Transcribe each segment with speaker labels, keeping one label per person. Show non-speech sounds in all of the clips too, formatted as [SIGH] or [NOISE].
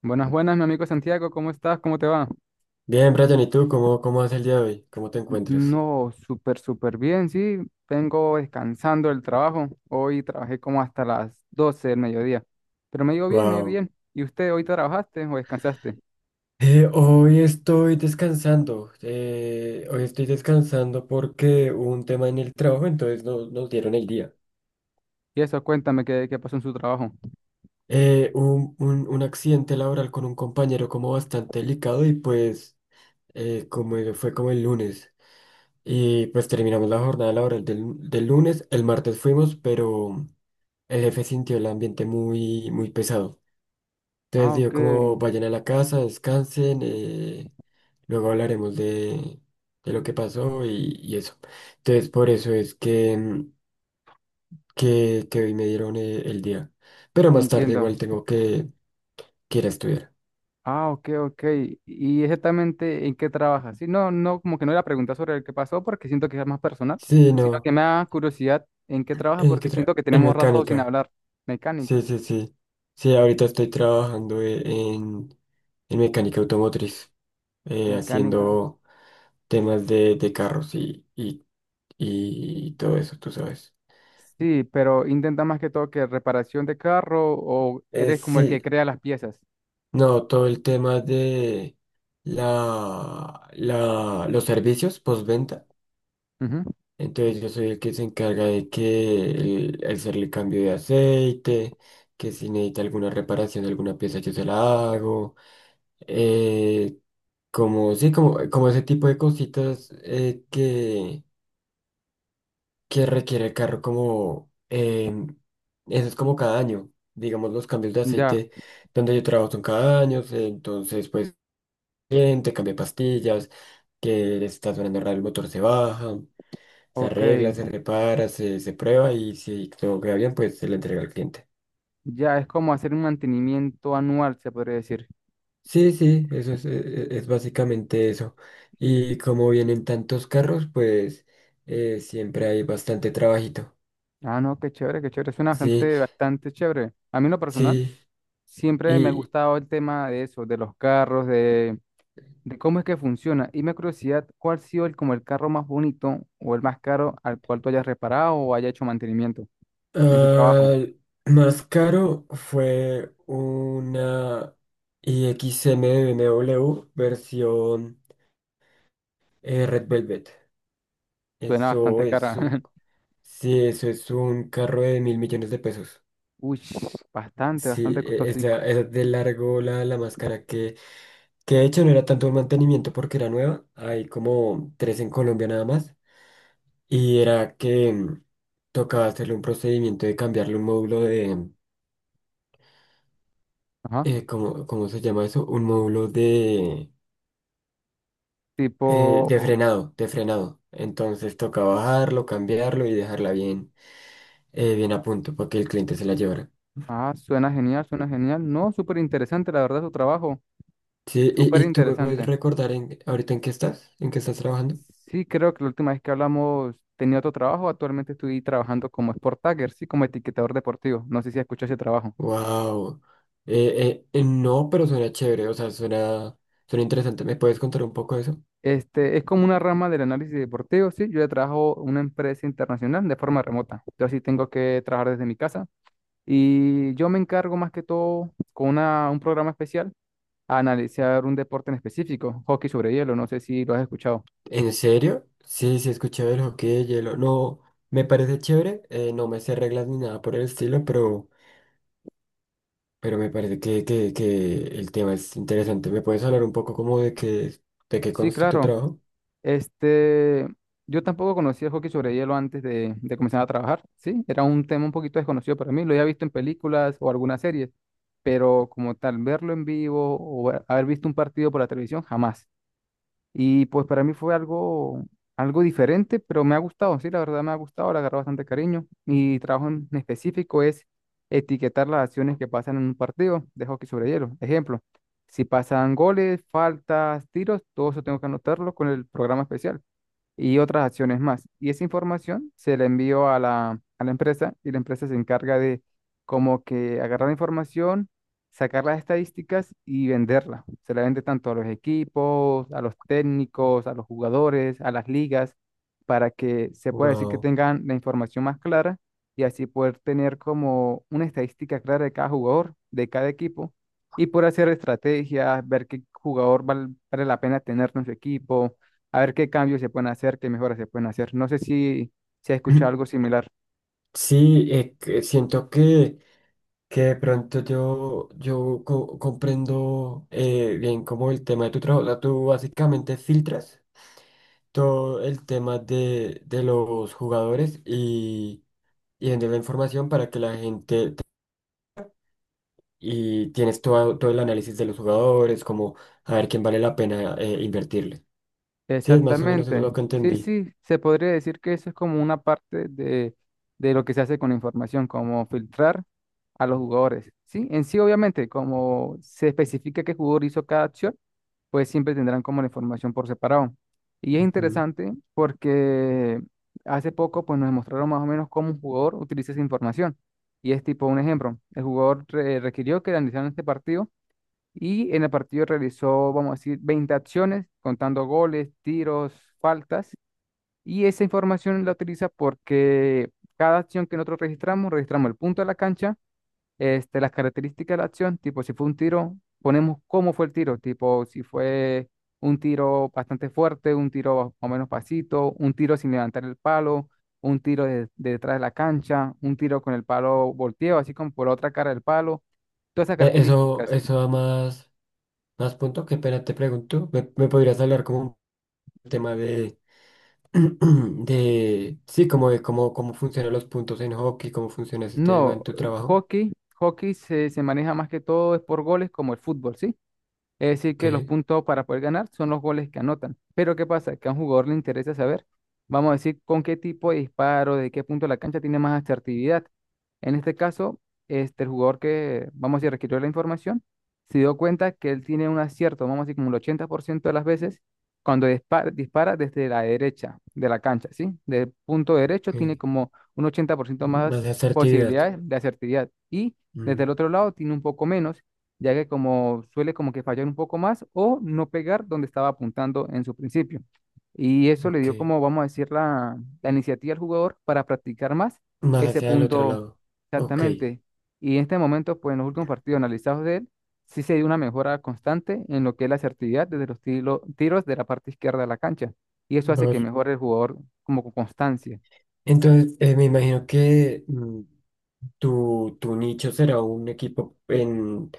Speaker 1: Buenas, buenas, mi amigo Santiago, ¿cómo estás? ¿Cómo te va?
Speaker 2: Bien, Brian, ¿y tú cómo vas el día de hoy? ¿Cómo te encuentras?
Speaker 1: No, súper, súper bien, sí. Vengo descansando del trabajo. Hoy trabajé como hasta las 12 del mediodía. Pero me ha bien, me ha
Speaker 2: Wow.
Speaker 1: bien. ¿Y usted hoy trabajaste o descansaste?
Speaker 2: Hoy estoy descansando. Hoy estoy descansando porque hubo un tema en el trabajo, entonces no, nos dieron el día.
Speaker 1: Y eso, cuéntame qué pasó en su trabajo.
Speaker 2: Un accidente laboral con un compañero como bastante delicado y pues fue como el lunes. Y pues terminamos la jornada laboral del lunes. El martes fuimos, pero el jefe sintió el ambiente muy pesado. Entonces
Speaker 1: Ah,
Speaker 2: digo,
Speaker 1: ok,
Speaker 2: como vayan a la casa, descansen, luego hablaremos de lo que pasó y eso. Entonces por eso es que hoy me dieron el día. Pero más tarde
Speaker 1: entiendo.
Speaker 2: igual tengo que ir a estudiar.
Speaker 1: Ah, ok, ok. ¿Y exactamente en qué trabajas? Sí, no, no, como que no era pregunta sobre el que pasó porque siento que es más personal,
Speaker 2: Sí,
Speaker 1: sino
Speaker 2: no.
Speaker 1: que me da curiosidad en qué trabajas porque siento que
Speaker 2: En
Speaker 1: tenemos rato sin
Speaker 2: mecánica.
Speaker 1: hablar. Mecánica,
Speaker 2: Sí, sí, sí. Sí, ahorita estoy trabajando en mecánica automotriz,
Speaker 1: mecánica.
Speaker 2: haciendo temas de carros y todo eso, tú sabes.
Speaker 1: Sí, pero intenta más que todo que reparación de carro o
Speaker 2: Eh,
Speaker 1: eres como el que
Speaker 2: sí,
Speaker 1: crea las piezas.
Speaker 2: No, todo el tema de los servicios postventa.
Speaker 1: Ujú.
Speaker 2: Entonces yo soy el que se encarga de el hacerle cambio de aceite, que si necesita alguna reparación de alguna pieza yo se la hago. eh, Como ese tipo de cositas que requiere el carro como eso es como cada año. Digamos, los cambios de
Speaker 1: Ya,
Speaker 2: aceite donde yo trabajo son cada año. Entonces, pues te cambia pastillas, que está sonando raro, el motor se baja, se
Speaker 1: ok.
Speaker 2: arregla, se repara, se prueba y si todo queda bien, pues se le entrega al cliente.
Speaker 1: Ya es como hacer un mantenimiento anual, se podría decir.
Speaker 2: Sí, sí, eso es básicamente eso. Y como vienen tantos carros, pues siempre hay bastante trabajito.
Speaker 1: Ah, no, qué chévere, qué chévere. Suena
Speaker 2: Sí,
Speaker 1: bastante, bastante chévere. A mí en lo personal,
Speaker 2: sí.
Speaker 1: siempre me ha
Speaker 2: Y
Speaker 1: gustado el tema de eso, de los carros, de cómo es que funciona. Y me da curiosidad, ¿cuál ha sido el, como el carro más bonito o el más caro al cual tú hayas reparado o haya hecho mantenimiento en su trabajo?
Speaker 2: ah, Más caro fue una i IXM de B M w versión Red Velvet.
Speaker 1: Suena
Speaker 2: Eso
Speaker 1: bastante cara.
Speaker 2: es un... Sí, eso es un carro de mil millones de pesos.
Speaker 1: Uy, bastante,
Speaker 2: Sí,
Speaker 1: bastante costoso.
Speaker 2: esa de largo la más cara que de hecho no era tanto un mantenimiento porque era nueva. Hay como tres en Colombia nada más. Y era que tocaba hacerle un procedimiento de cambiarle un módulo de...
Speaker 1: Ajá.
Speaker 2: ¿ cómo se llama eso? Un módulo de...
Speaker 1: Tipo,
Speaker 2: de frenado. Entonces tocaba bajarlo, cambiarlo y dejarla bien, bien a punto para que el cliente se la llevara.
Speaker 1: ah, suena genial, suena genial. No, súper interesante, la verdad, su trabajo.
Speaker 2: Sí,
Speaker 1: Súper
Speaker 2: y tú me puedes
Speaker 1: interesante.
Speaker 2: recordar ahorita en qué estás trabajando.
Speaker 1: Sí, creo que la última vez que hablamos tenía otro trabajo. Actualmente estoy trabajando como Sport Tagger, sí, como etiquetador deportivo. No sé si escuchó ese trabajo.
Speaker 2: Wow. No, pero suena chévere, o sea, suena, suena interesante. ¿Me puedes contar un poco de eso?
Speaker 1: Este, es como una rama del análisis deportivo, sí. Yo ya trabajo en una empresa internacional de forma remota. Yo sí tengo que trabajar desde mi casa. Y yo me encargo más que todo con un programa especial a analizar un deporte en específico, hockey sobre hielo, no sé si lo has escuchado.
Speaker 2: ¿En serio? Sí, sí, he escuchado el hockey de hielo. No, me parece chévere. No me sé reglas ni nada por el estilo, pero me parece que el tema es interesante. ¿Me puedes hablar un poco como de qué
Speaker 1: Sí,
Speaker 2: consta tu
Speaker 1: claro.
Speaker 2: trabajo?
Speaker 1: Este, yo tampoco conocía el hockey sobre hielo antes de comenzar a trabajar, ¿sí? Era un tema un poquito desconocido para mí, lo había visto en películas o algunas series, pero como tal, verlo en vivo o haber visto un partido por la televisión, jamás. Y pues para mí fue algo, algo diferente, pero me ha gustado, sí, la verdad me ha gustado, le agarré bastante cariño. Mi trabajo en específico es etiquetar las acciones que pasan en un partido de hockey sobre hielo. Ejemplo, si pasan goles, faltas, tiros, todo eso tengo que anotarlo con el programa especial y otras acciones más. Y esa información se la envío a la empresa y la empresa se encarga de como que agarrar la información, sacar las estadísticas y venderla. Se la vende tanto a los equipos, a los técnicos, a los jugadores, a las ligas, para que se pueda decir que
Speaker 2: Wow.
Speaker 1: tengan la información más clara y así poder tener como una estadística clara de cada jugador, de cada equipo. Y por hacer estrategias, ver qué jugador vale la pena tener en su equipo, a ver qué cambios se pueden hacer, qué mejoras se pueden hacer. No sé si, se has escuchado algo
Speaker 2: [CLEARS THROAT]
Speaker 1: similar.
Speaker 2: Sí, que siento que de pronto yo comprendo bien como el tema de tu trabajo. O sea, tú básicamente filtras todo el tema de los jugadores y vendes la información para que la gente... te- Y tienes todo el análisis de los jugadores, como a ver quién vale la pena invertirle. Sí, es más o menos eso
Speaker 1: Exactamente.
Speaker 2: lo que
Speaker 1: Sí,
Speaker 2: entendí.
Speaker 1: sí, se podría decir que eso es como una parte de lo que se hace con la información, como filtrar a los jugadores. Sí, en sí, obviamente, como se especifica qué jugador hizo cada acción, pues siempre tendrán como la información por separado. Y es
Speaker 2: Ujú.
Speaker 1: interesante porque hace poco pues nos mostraron más o menos cómo un jugador utiliza esa información. Y es tipo un ejemplo. El jugador requirió que analizaran este partido. Y en el partido realizó, vamos a decir, 20 acciones, contando goles, tiros, faltas. Y esa información la utiliza porque cada acción que nosotros registramos, registramos el punto de la cancha, este, las características de la acción, tipo si fue un tiro, ponemos cómo fue el tiro, tipo si fue un tiro bastante fuerte, un tiro más o menos pasito, un tiro sin levantar el palo, un tiro de detrás de la cancha, un tiro con el palo volteado, así como por la otra cara del palo, todas esas características.
Speaker 2: Eso da más punto. Qué pena te pregunto. ¿ Me podrías hablar como un tema de [CLEARS THROAT] De, sí, como de cómo funcionan los puntos en hockey, cómo funciona ese tema en
Speaker 1: No,
Speaker 2: tu trabajo.
Speaker 1: hockey, hockey se maneja más que todo es por goles como el fútbol, ¿sí? Es decir,
Speaker 2: Ok,
Speaker 1: que los puntos para poder ganar son los goles que anotan. Pero ¿qué pasa? Que a un jugador le interesa saber, vamos a decir, con qué tipo de disparo, de qué punto de la cancha tiene más asertividad. En este caso, este, el jugador que, vamos a decir, requirió la información, se dio cuenta que él tiene un acierto, vamos a decir, como el 80% de las veces, cuando dispara, dispara desde la derecha de la cancha, ¿sí? Del punto derecho
Speaker 2: ok.
Speaker 1: tiene como un 80%
Speaker 2: Más
Speaker 1: más
Speaker 2: asertividad.
Speaker 1: posibilidades de asertividad. Y desde el
Speaker 2: Mm,
Speaker 1: otro lado tiene un poco menos ya que como suele como que fallar un poco más o no pegar donde estaba apuntando en su principio. Y eso le
Speaker 2: ok.
Speaker 1: dio como, vamos a decir, la iniciativa al jugador para practicar más
Speaker 2: Más
Speaker 1: ese
Speaker 2: hacia el otro
Speaker 1: punto
Speaker 2: lado. Ok.
Speaker 1: exactamente. Y en este momento, pues en los últimos partidos analizados de él, sí se dio una mejora constante en lo que es la asertividad desde los tiros de la parte izquierda de la cancha. Y eso hace que
Speaker 2: Vos.
Speaker 1: mejore el jugador como con constancia.
Speaker 2: Entonces, me imagino que tu nicho será un equipo en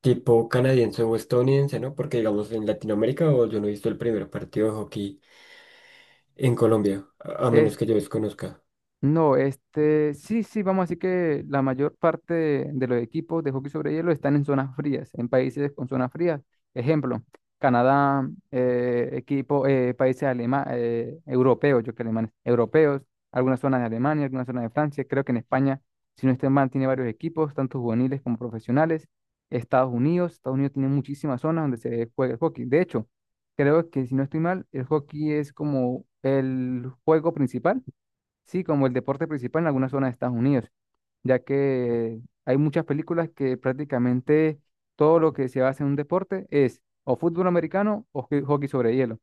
Speaker 2: tipo canadiense o estadounidense, ¿no? Porque digamos en Latinoamérica o yo no he visto el primer partido de hockey en Colombia, a menos que yo desconozca.
Speaker 1: No, este, sí, sí, vamos a decir que la mayor parte de los equipos de hockey sobre hielo están en zonas frías, en países con zonas frías. Ejemplo, Canadá, equipo, países europeos, yo que alemanes, europeos, algunas zonas de Alemania, algunas zonas de Francia. Creo que en España, si no estoy mal, tiene varios equipos, tanto juveniles como profesionales. Estados Unidos tiene muchísimas zonas donde se juega el hockey. De hecho, creo que si no estoy mal, el hockey es como el juego principal, sí, como el deporte principal en algunas zonas de Estados Unidos, ya que hay muchas películas que prácticamente todo lo que se basa en un deporte es o fútbol americano o hockey sobre hielo.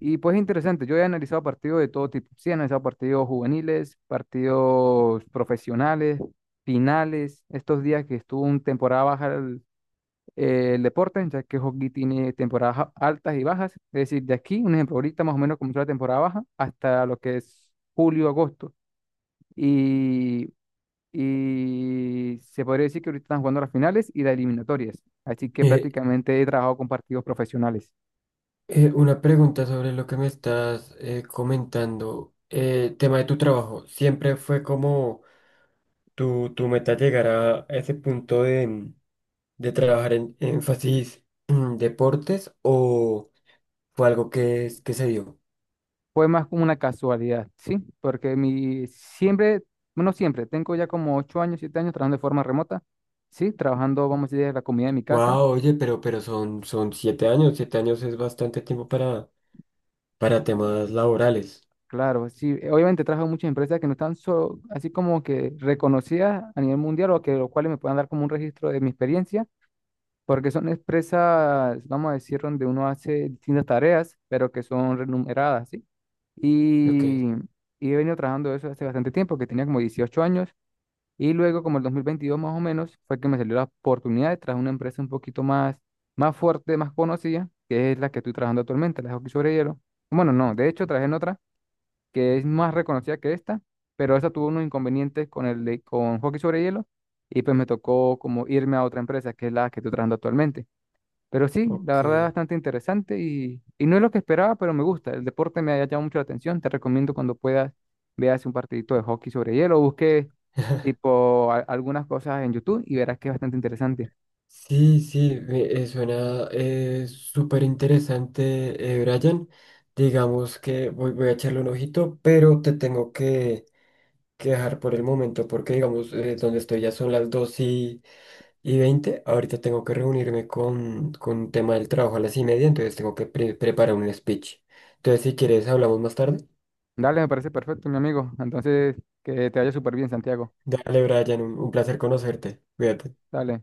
Speaker 1: Y pues es interesante, yo he analizado partidos de todo tipo, sí, he analizado partidos juveniles, partidos profesionales, finales, estos días que estuvo una temporada baja el deporte, ya que hockey tiene temporadas altas y bajas, es decir, de aquí, un ejemplo, ahorita más o menos comenzó la temporada baja hasta lo que es julio, agosto. Y, y se podría decir que ahorita están jugando las finales y las eliminatorias. Así que
Speaker 2: Eh,
Speaker 1: prácticamente he trabajado con partidos profesionales.
Speaker 2: Una pregunta sobre lo que me estás comentando. Tema de tu trabajo. ¿Siempre fue como tu meta llegar a ese punto de trabajar en énfasis en deportes o fue algo que se dio?
Speaker 1: Fue más como una casualidad, ¿sí? Porque mi siempre, bueno, siempre, tengo ya como 8 años, 7 años trabajando de forma remota, ¿sí? Trabajando, vamos a decir, de la comida de mi casa.
Speaker 2: Wow, oye, pero son, son siete años. Siete años es bastante tiempo para temas laborales.
Speaker 1: Claro, sí, obviamente trabajo en muchas empresas que no están solo, así como que reconocidas a nivel mundial o que los cuales me puedan dar como un registro de mi experiencia porque son empresas, vamos a decir, donde uno hace distintas tareas, pero que son remuneradas, ¿sí?
Speaker 2: Ok,
Speaker 1: Y, y he venido trabajando eso hace bastante tiempo, que tenía como 18 años, y luego como el 2022 más o menos, fue que me salió la oportunidad de trabajar en una empresa un poquito más, más fuerte, más conocida, que es la que estoy trabajando actualmente, la de hockey sobre hielo. Bueno, no, de hecho trabajé en otra que es más reconocida que esta, pero esa tuvo unos inconvenientes con el de, con hockey sobre hielo, y pues me tocó como irme a otra empresa, que es la que estoy trabajando actualmente. Pero sí, la
Speaker 2: ok.
Speaker 1: verdad es bastante interesante y no es lo que esperaba, pero me gusta. El deporte me ha llamado mucho la atención. Te recomiendo cuando puedas veas un partidito de hockey sobre hielo, busque
Speaker 2: [LAUGHS]
Speaker 1: tipo algunas cosas en YouTube y verás que es bastante interesante.
Speaker 2: Sí, sí, suena súper interesante, Brian. Digamos que voy, voy a echarle un ojito, pero te tengo que dejar por el momento porque, digamos, donde estoy ya son las y 20. Ahorita tengo que reunirme con un tema del trabajo a las y media, entonces tengo que preparar un speech. Entonces, si quieres, hablamos más tarde.
Speaker 1: Dale, me parece perfecto, mi amigo. Entonces, que te vaya súper bien, Santiago.
Speaker 2: Dale, Brian, un placer conocerte. Cuídate.
Speaker 1: Dale.